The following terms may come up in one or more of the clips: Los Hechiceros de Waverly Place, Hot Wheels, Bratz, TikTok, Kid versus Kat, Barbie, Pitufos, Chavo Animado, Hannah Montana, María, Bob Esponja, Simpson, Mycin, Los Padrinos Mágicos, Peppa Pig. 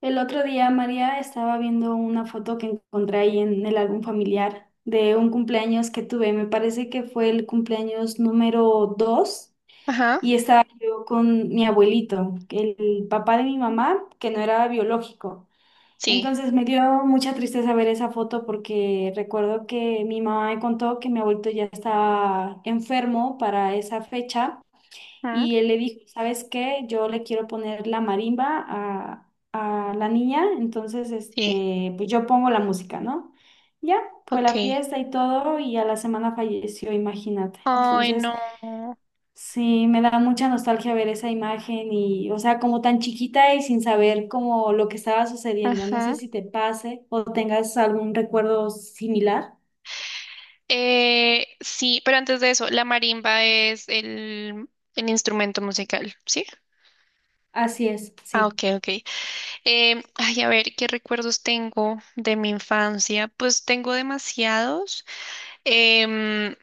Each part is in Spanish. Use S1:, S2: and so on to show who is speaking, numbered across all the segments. S1: El otro día María estaba viendo una foto que encontré ahí en el álbum familiar de un cumpleaños que tuve. Me parece que fue el cumpleaños número 2
S2: Ajá.
S1: y estaba yo con mi abuelito, el papá de mi mamá, que no era biológico.
S2: Sí,
S1: Entonces me dio mucha tristeza ver esa foto porque recuerdo que mi mamá me contó que mi abuelito ya estaba enfermo para esa fecha.
S2: ajá.
S1: Y él le dijo, ¿sabes qué? Yo le quiero poner la marimba a la niña, entonces,
S2: Sí,
S1: pues yo pongo la música, ¿no? Ya, fue la
S2: ok.
S1: fiesta y todo, y a la semana falleció, imagínate.
S2: Ay,
S1: Entonces,
S2: no.
S1: sí, me da mucha nostalgia ver esa imagen y, o sea, como tan chiquita y sin saber como lo que estaba sucediendo. No sé
S2: Ajá.
S1: si te pase o tengas algún recuerdo similar.
S2: Sí, pero antes de eso, la marimba es el instrumento musical, ¿sí?
S1: Así es,
S2: Ah, ok,
S1: sí,
S2: ok. Ay, a ver, ¿qué recuerdos tengo de mi infancia? Pues tengo demasiados. Em,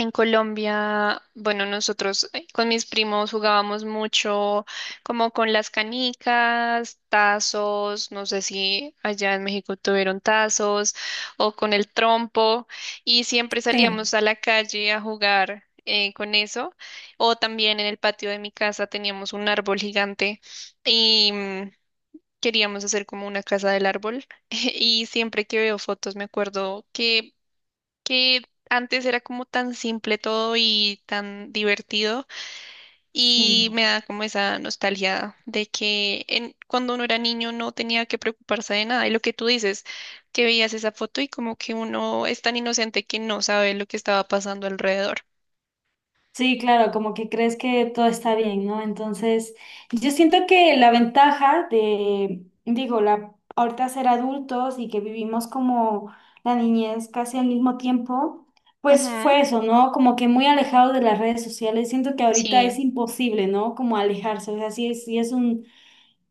S2: En Colombia, bueno, nosotros con mis primos jugábamos mucho como con las canicas, tazos, no sé si allá en México tuvieron tazos, o con el trompo, y siempre
S1: sí,
S2: salíamos a la calle a jugar con eso, o también en el patio de mi casa teníamos un árbol gigante, y queríamos hacer como una casa del árbol y siempre que veo fotos me acuerdo que antes era como tan simple todo y tan divertido. Y
S1: sí.
S2: me da como esa nostalgia de que, cuando uno era niño, no tenía que preocuparse de nada, y lo que tú dices, que veías esa foto y como que uno es tan inocente que no sabe lo que estaba pasando alrededor.
S1: Sí, claro, como que crees que todo está bien, ¿no? Entonces, yo siento que la ventaja de, digo, la, ahorita ser adultos y que vivimos como la niñez casi al mismo tiempo, pues
S2: Ujú.
S1: fue eso, ¿no? Como que muy alejado de las redes sociales. Siento que ahorita es
S2: Sí,
S1: imposible, ¿no? Como alejarse, o sea, sí es un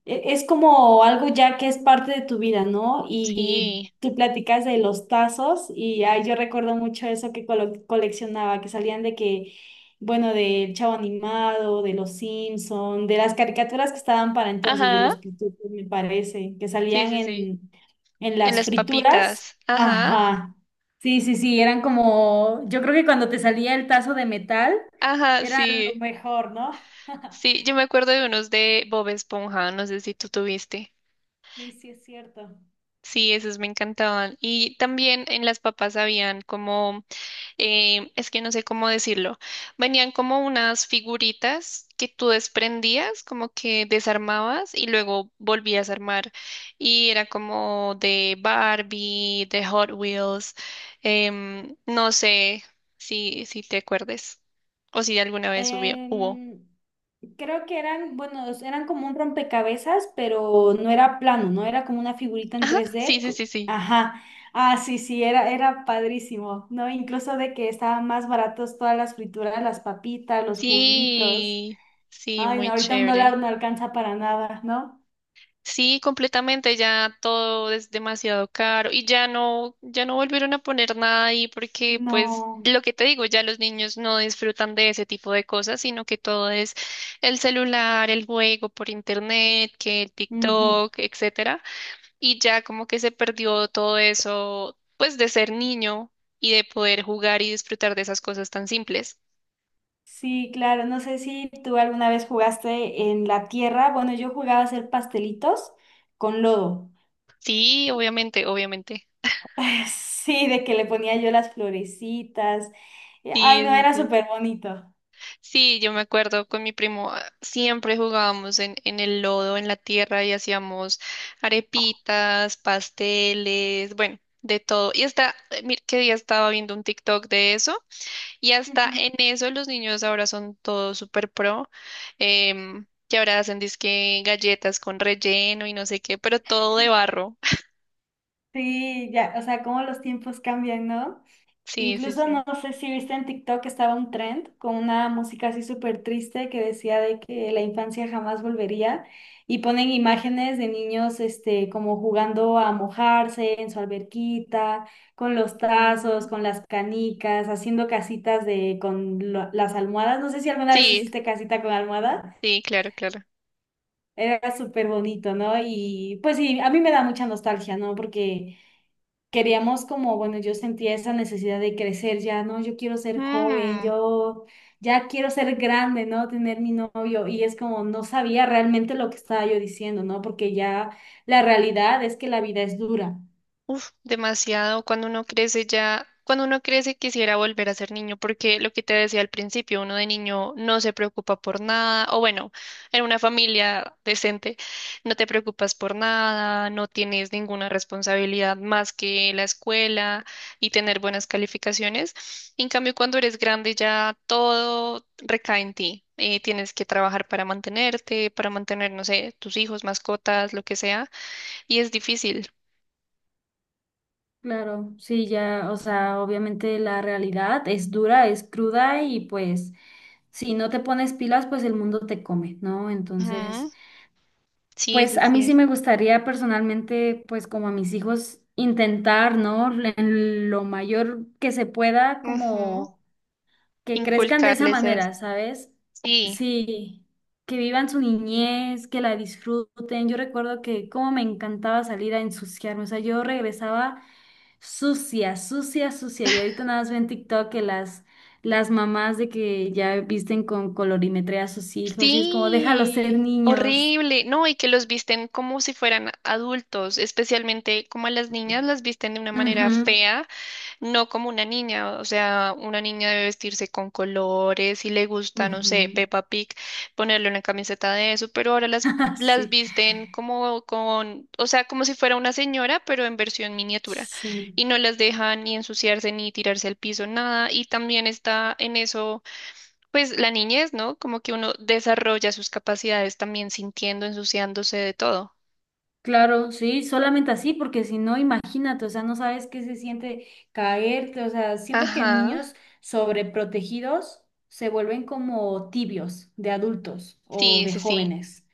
S1: es como algo ya que es parte de tu vida, ¿no? Y
S2: sí,
S1: tú platicas de los tazos y ay, yo recuerdo mucho eso que coleccionaba, que salían de que, bueno, del Chavo Animado, de los Simpson, de las caricaturas que estaban para entonces, de
S2: ajá.
S1: los Pitufos, me parece, que
S2: Sí,
S1: salían
S2: sí, sí,
S1: en
S2: en
S1: las
S2: las
S1: frituras.
S2: papitas, ajá.
S1: Ajá. Sí, sí, sí, eran como, yo creo que cuando te salía el tazo de metal,
S2: Ajá.
S1: era lo
S2: Sí,
S1: mejor, ¿no?
S2: sí, yo me acuerdo de unos de Bob Esponja, no sé si tú tuviste.
S1: Sí, sí, es cierto.
S2: Sí, esos me encantaban. Y también en las papas habían como, es que no sé cómo decirlo, venían como unas figuritas que tú desprendías, como que desarmabas y luego volvías a armar. Y era como de Barbie, de Hot Wheels, no sé si te acuerdes, o si alguna vez hubo.
S1: Em, Creo que eran, bueno, eran como un rompecabezas, pero no era plano, ¿no? Era como una figurita en
S2: Ajá,
S1: tres
S2: sí,
S1: d
S2: sí, sí, sí.
S1: Ajá. Ah, sí, sí, era padrísimo, ¿no? Incluso de que estaban más baratos todas las frituras, las papitas, los juguitos.
S2: Sí, sí,
S1: Ay, no,
S2: muy
S1: ahorita $1
S2: chévere.
S1: no alcanza para nada, ¿no?
S2: Sí, completamente, ya todo es demasiado caro, y ya no volvieron a poner nada ahí, porque pues
S1: No.
S2: lo que te digo, ya los niños no disfrutan de ese tipo de cosas, sino que todo es el celular, el juego por internet, que el
S1: Ujú.
S2: TikTok, etcétera, y ya como que se perdió todo eso, pues de ser niño y de poder jugar y disfrutar de esas cosas tan simples.
S1: Sí, claro, no sé si tú alguna vez jugaste en la tierra. Bueno, yo jugaba a hacer pastelitos con lodo.
S2: Sí, obviamente, obviamente.
S1: Sí, de que le ponía yo las florecitas. Ay,
S2: Sí,
S1: no,
S2: sí,
S1: era
S2: sí.
S1: súper bonito.
S2: Sí, yo me acuerdo con mi primo, ah, siempre jugábamos en el lodo, en la tierra, y hacíamos arepitas, pasteles, bueno, de todo. Y hasta, mira, qué día estaba viendo un TikTok de eso, y hasta
S1: Ujú.
S2: en eso los niños ahora son todos súper pro, que ahora hacen disque galletas con relleno y no sé qué, pero todo de barro.
S1: Sí, ya, o sea, cómo los tiempos cambian, ¿no?
S2: Sí, sí,
S1: Incluso
S2: sí.
S1: no sé si viste en TikTok que estaba un trend con una música así súper triste que decía de que la infancia jamás volvería y ponen imágenes de niños, como jugando a mojarse en su alberquita, con los tazos,
S2: Mm.
S1: con las canicas, haciendo casitas de con las almohadas. No sé si alguna vez
S2: Sí,
S1: hiciste casita con almohada.
S2: sí, claro, claro.
S1: Era súper bonito, ¿no? Y pues sí, a mí me da mucha nostalgia, ¿no? Porque queríamos como, bueno, yo sentía esa necesidad de crecer ya, ¿no? Yo quiero ser joven,
S2: Mm.
S1: yo ya quiero ser grande, ¿no? Tener mi novio. Y es como, no sabía realmente lo que estaba yo diciendo, ¿no? Porque ya la realidad es que la vida es dura.
S2: Uf, demasiado. Cuando uno crece ya, cuando uno crece quisiera volver a ser niño, porque lo que te decía al principio, uno de niño no se preocupa por nada, o bueno, en una familia decente no te preocupas por nada, no tienes ninguna responsabilidad más que la escuela y tener buenas calificaciones. En cambio, cuando eres grande, ya todo recae en ti. Tienes que trabajar para mantenerte, para mantener, no sé, tus hijos, mascotas, lo que sea, y es difícil.
S1: Claro, sí, ya, o sea, obviamente la realidad es dura, es cruda y pues si no te pones pilas, pues el mundo te come, ¿no? Entonces...
S2: Ujú. Sí,
S1: Pues
S2: sí,
S1: a mí sí
S2: sí.
S1: me gustaría personalmente, pues como a mis hijos, intentar, ¿no? En lo mayor que se pueda,
S2: Ujú.
S1: como que crezcan de esa
S2: Inculcarles
S1: manera,
S2: esto.
S1: ¿sabes?
S2: Sí,
S1: Sí, que vivan su niñez, que la disfruten. Yo recuerdo que como me encantaba salir a ensuciarme, o sea, yo regresaba sucia, sucia, sucia. Y ahorita nada más veo en TikTok que las mamás de que ya visten con colorimetría a sus hijos y es como, déjalos ser
S2: sí,
S1: niños.
S2: horrible. No, y que los visten como si fueran adultos, especialmente como a las niñas las visten de una manera
S1: Ujú.
S2: fea. No como una niña, o sea, una niña debe vestirse con colores, si le gusta, no sé,
S1: Ujú.
S2: Peppa Pig, ponerle una camiseta de eso, pero ahora las, las
S1: Sí,
S2: visten como con, o sea, como si fuera una señora, pero en versión miniatura,
S1: sí,
S2: y no las dejan ni ensuciarse ni tirarse al piso, nada, y también está en eso, pues la niñez, ¿no? Como que uno desarrolla sus capacidades también sintiendo, ensuciándose de todo.
S1: claro, sí, solamente así, porque si no, imagínate, o sea, no sabes qué se siente caerte, o sea, siento que
S2: Ajá,
S1: niños sobreprotegidos se vuelven como tibios de adultos o
S2: sí,
S1: de
S2: sí, sí,
S1: jóvenes.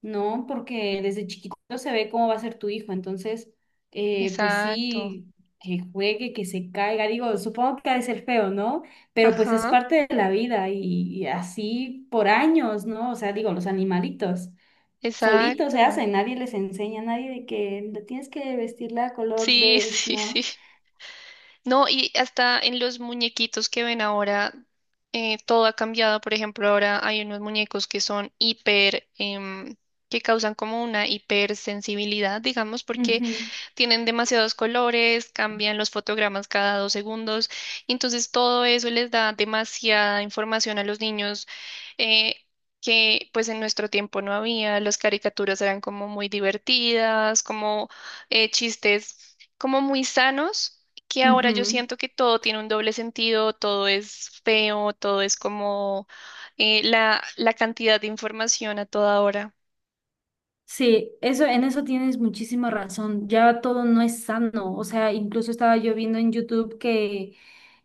S1: No, porque desde chiquito se ve cómo va a ser tu hijo, entonces, pues
S2: exacto,
S1: sí, que juegue, que se caiga, digo, supongo que ha de ser feo, ¿no? Pero pues es
S2: ajá,
S1: parte de la vida y, así por años, ¿no? O sea, digo, los animalitos solitos se
S2: exacto.
S1: hacen, nadie les enseña, nadie de que tienes que vestirla color
S2: Sí,
S1: beige,
S2: sí, sí.
S1: ¿no?
S2: No, y hasta en los muñequitos que ven ahora, todo ha cambiado. Por ejemplo, ahora hay unos muñecos que son hiper, que causan como una hipersensibilidad, digamos, porque
S1: Ujú,
S2: tienen demasiados colores, cambian los fotogramas cada dos segundos, y entonces todo eso les da demasiada información a los niños, eh, que pues en nuestro tiempo no había. Las caricaturas eran como muy divertidas, como chistes como muy sanos, que ahora yo
S1: ujú.
S2: siento que todo tiene un doble sentido, todo es feo, todo es como la, cantidad de información a toda hora.
S1: Sí, eso, en eso tienes muchísima razón. Ya todo no es sano. O sea, incluso estaba yo viendo en YouTube que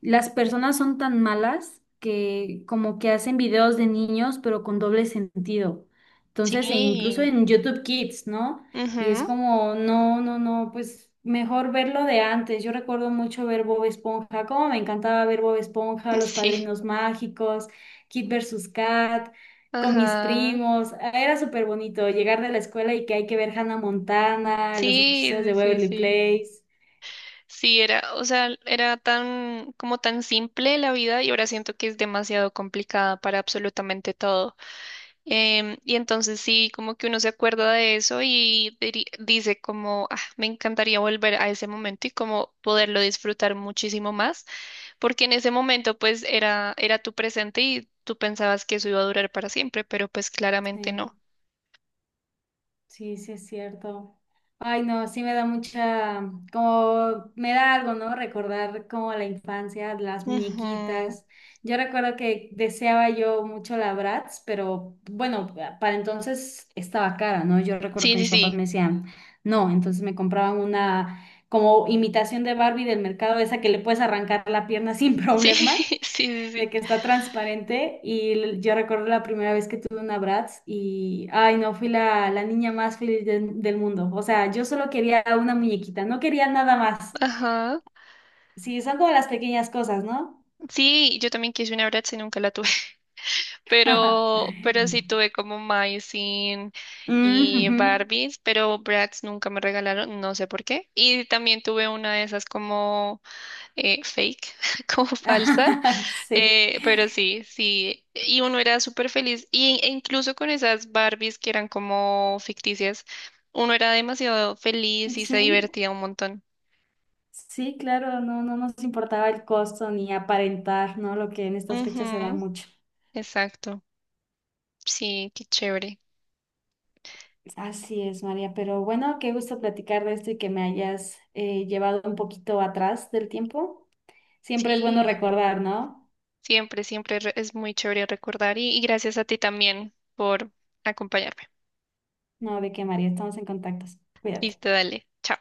S1: las personas son tan malas que como que hacen videos de niños, pero con doble sentido. Entonces, e incluso
S2: Sí,
S1: en YouTube Kids, ¿no? Y es
S2: ujú,
S1: como, no, no, no, pues mejor verlo de antes. Yo recuerdo mucho ver Bob Esponja, como me encantaba ver Bob Esponja, Los
S2: sí,
S1: Padrinos Mágicos, Kid versus Kat con mis
S2: ajá.
S1: primos. Era súper bonito llegar de la escuela y que hay que ver Hannah Montana, Los
S2: Sí,
S1: Hechiceros de
S2: sí, sí,
S1: Waverly
S2: sí.
S1: Place.
S2: Sí, era, o sea, era tan, como tan simple la vida, y ahora siento que es demasiado complicada para absolutamente todo. Y entonces sí, como que uno se acuerda de eso y dice como, "Ah, me encantaría volver a ese momento y como poderlo disfrutar muchísimo más, porque en ese momento pues era tu presente, y tú pensabas que eso iba a durar para siempre, pero pues claramente
S1: Sí.
S2: no".
S1: Sí, sí es cierto. Ay, no, sí me da mucha, como me da algo, ¿no? Recordar como la infancia, las
S2: Ujú.
S1: muñequitas. Yo recuerdo que deseaba yo mucho la Bratz, pero bueno, para entonces estaba cara, ¿no? Yo recuerdo
S2: Sí,
S1: que
S2: sí,
S1: mis papás
S2: sí.
S1: me decían, no, entonces me compraban una como imitación de Barbie del mercado, esa que le puedes arrancar la pierna sin
S2: Sí,
S1: problema
S2: sí, sí,
S1: de
S2: sí.
S1: que está transparente y yo recuerdo la primera vez que tuve una Bratz y, ay no, fui la niña más feliz del mundo. O sea, yo solo quería una muñequita, no quería nada más.
S2: Ajá.
S1: Sí, son como las pequeñas cosas, ¿no?
S2: Sí, yo también quise una Bratz y nunca la tuve, pero sí tuve como Mycin
S1: Mm,
S2: y
S1: ujú.
S2: Barbies, pero Bratz nunca me regalaron, no sé por qué. Y también tuve una de esas como fake, como falsas,
S1: Sí,
S2: pero sí, sí. Y uno era súper feliz, e incluso con esas Barbies que eran como ficticias, uno era demasiado feliz y se
S1: sí,
S2: divertía un montón.
S1: sí, claro, no, no nos importaba el costo ni aparentar, ¿no? Lo que en estas fechas se da
S2: Ujú,
S1: mucho.
S2: exacto, sí, qué chévere.
S1: Así es, María, pero bueno, qué gusto platicar de esto y que me hayas llevado un poquito atrás del tiempo. Siempre es bueno
S2: Sí.
S1: recordar, ¿no?
S2: Siempre, siempre es muy chévere recordar, y gracias a ti también por acompañarme.
S1: No, de que María, estamos en contacto. Cuídate.
S2: Listo, dale. Chao.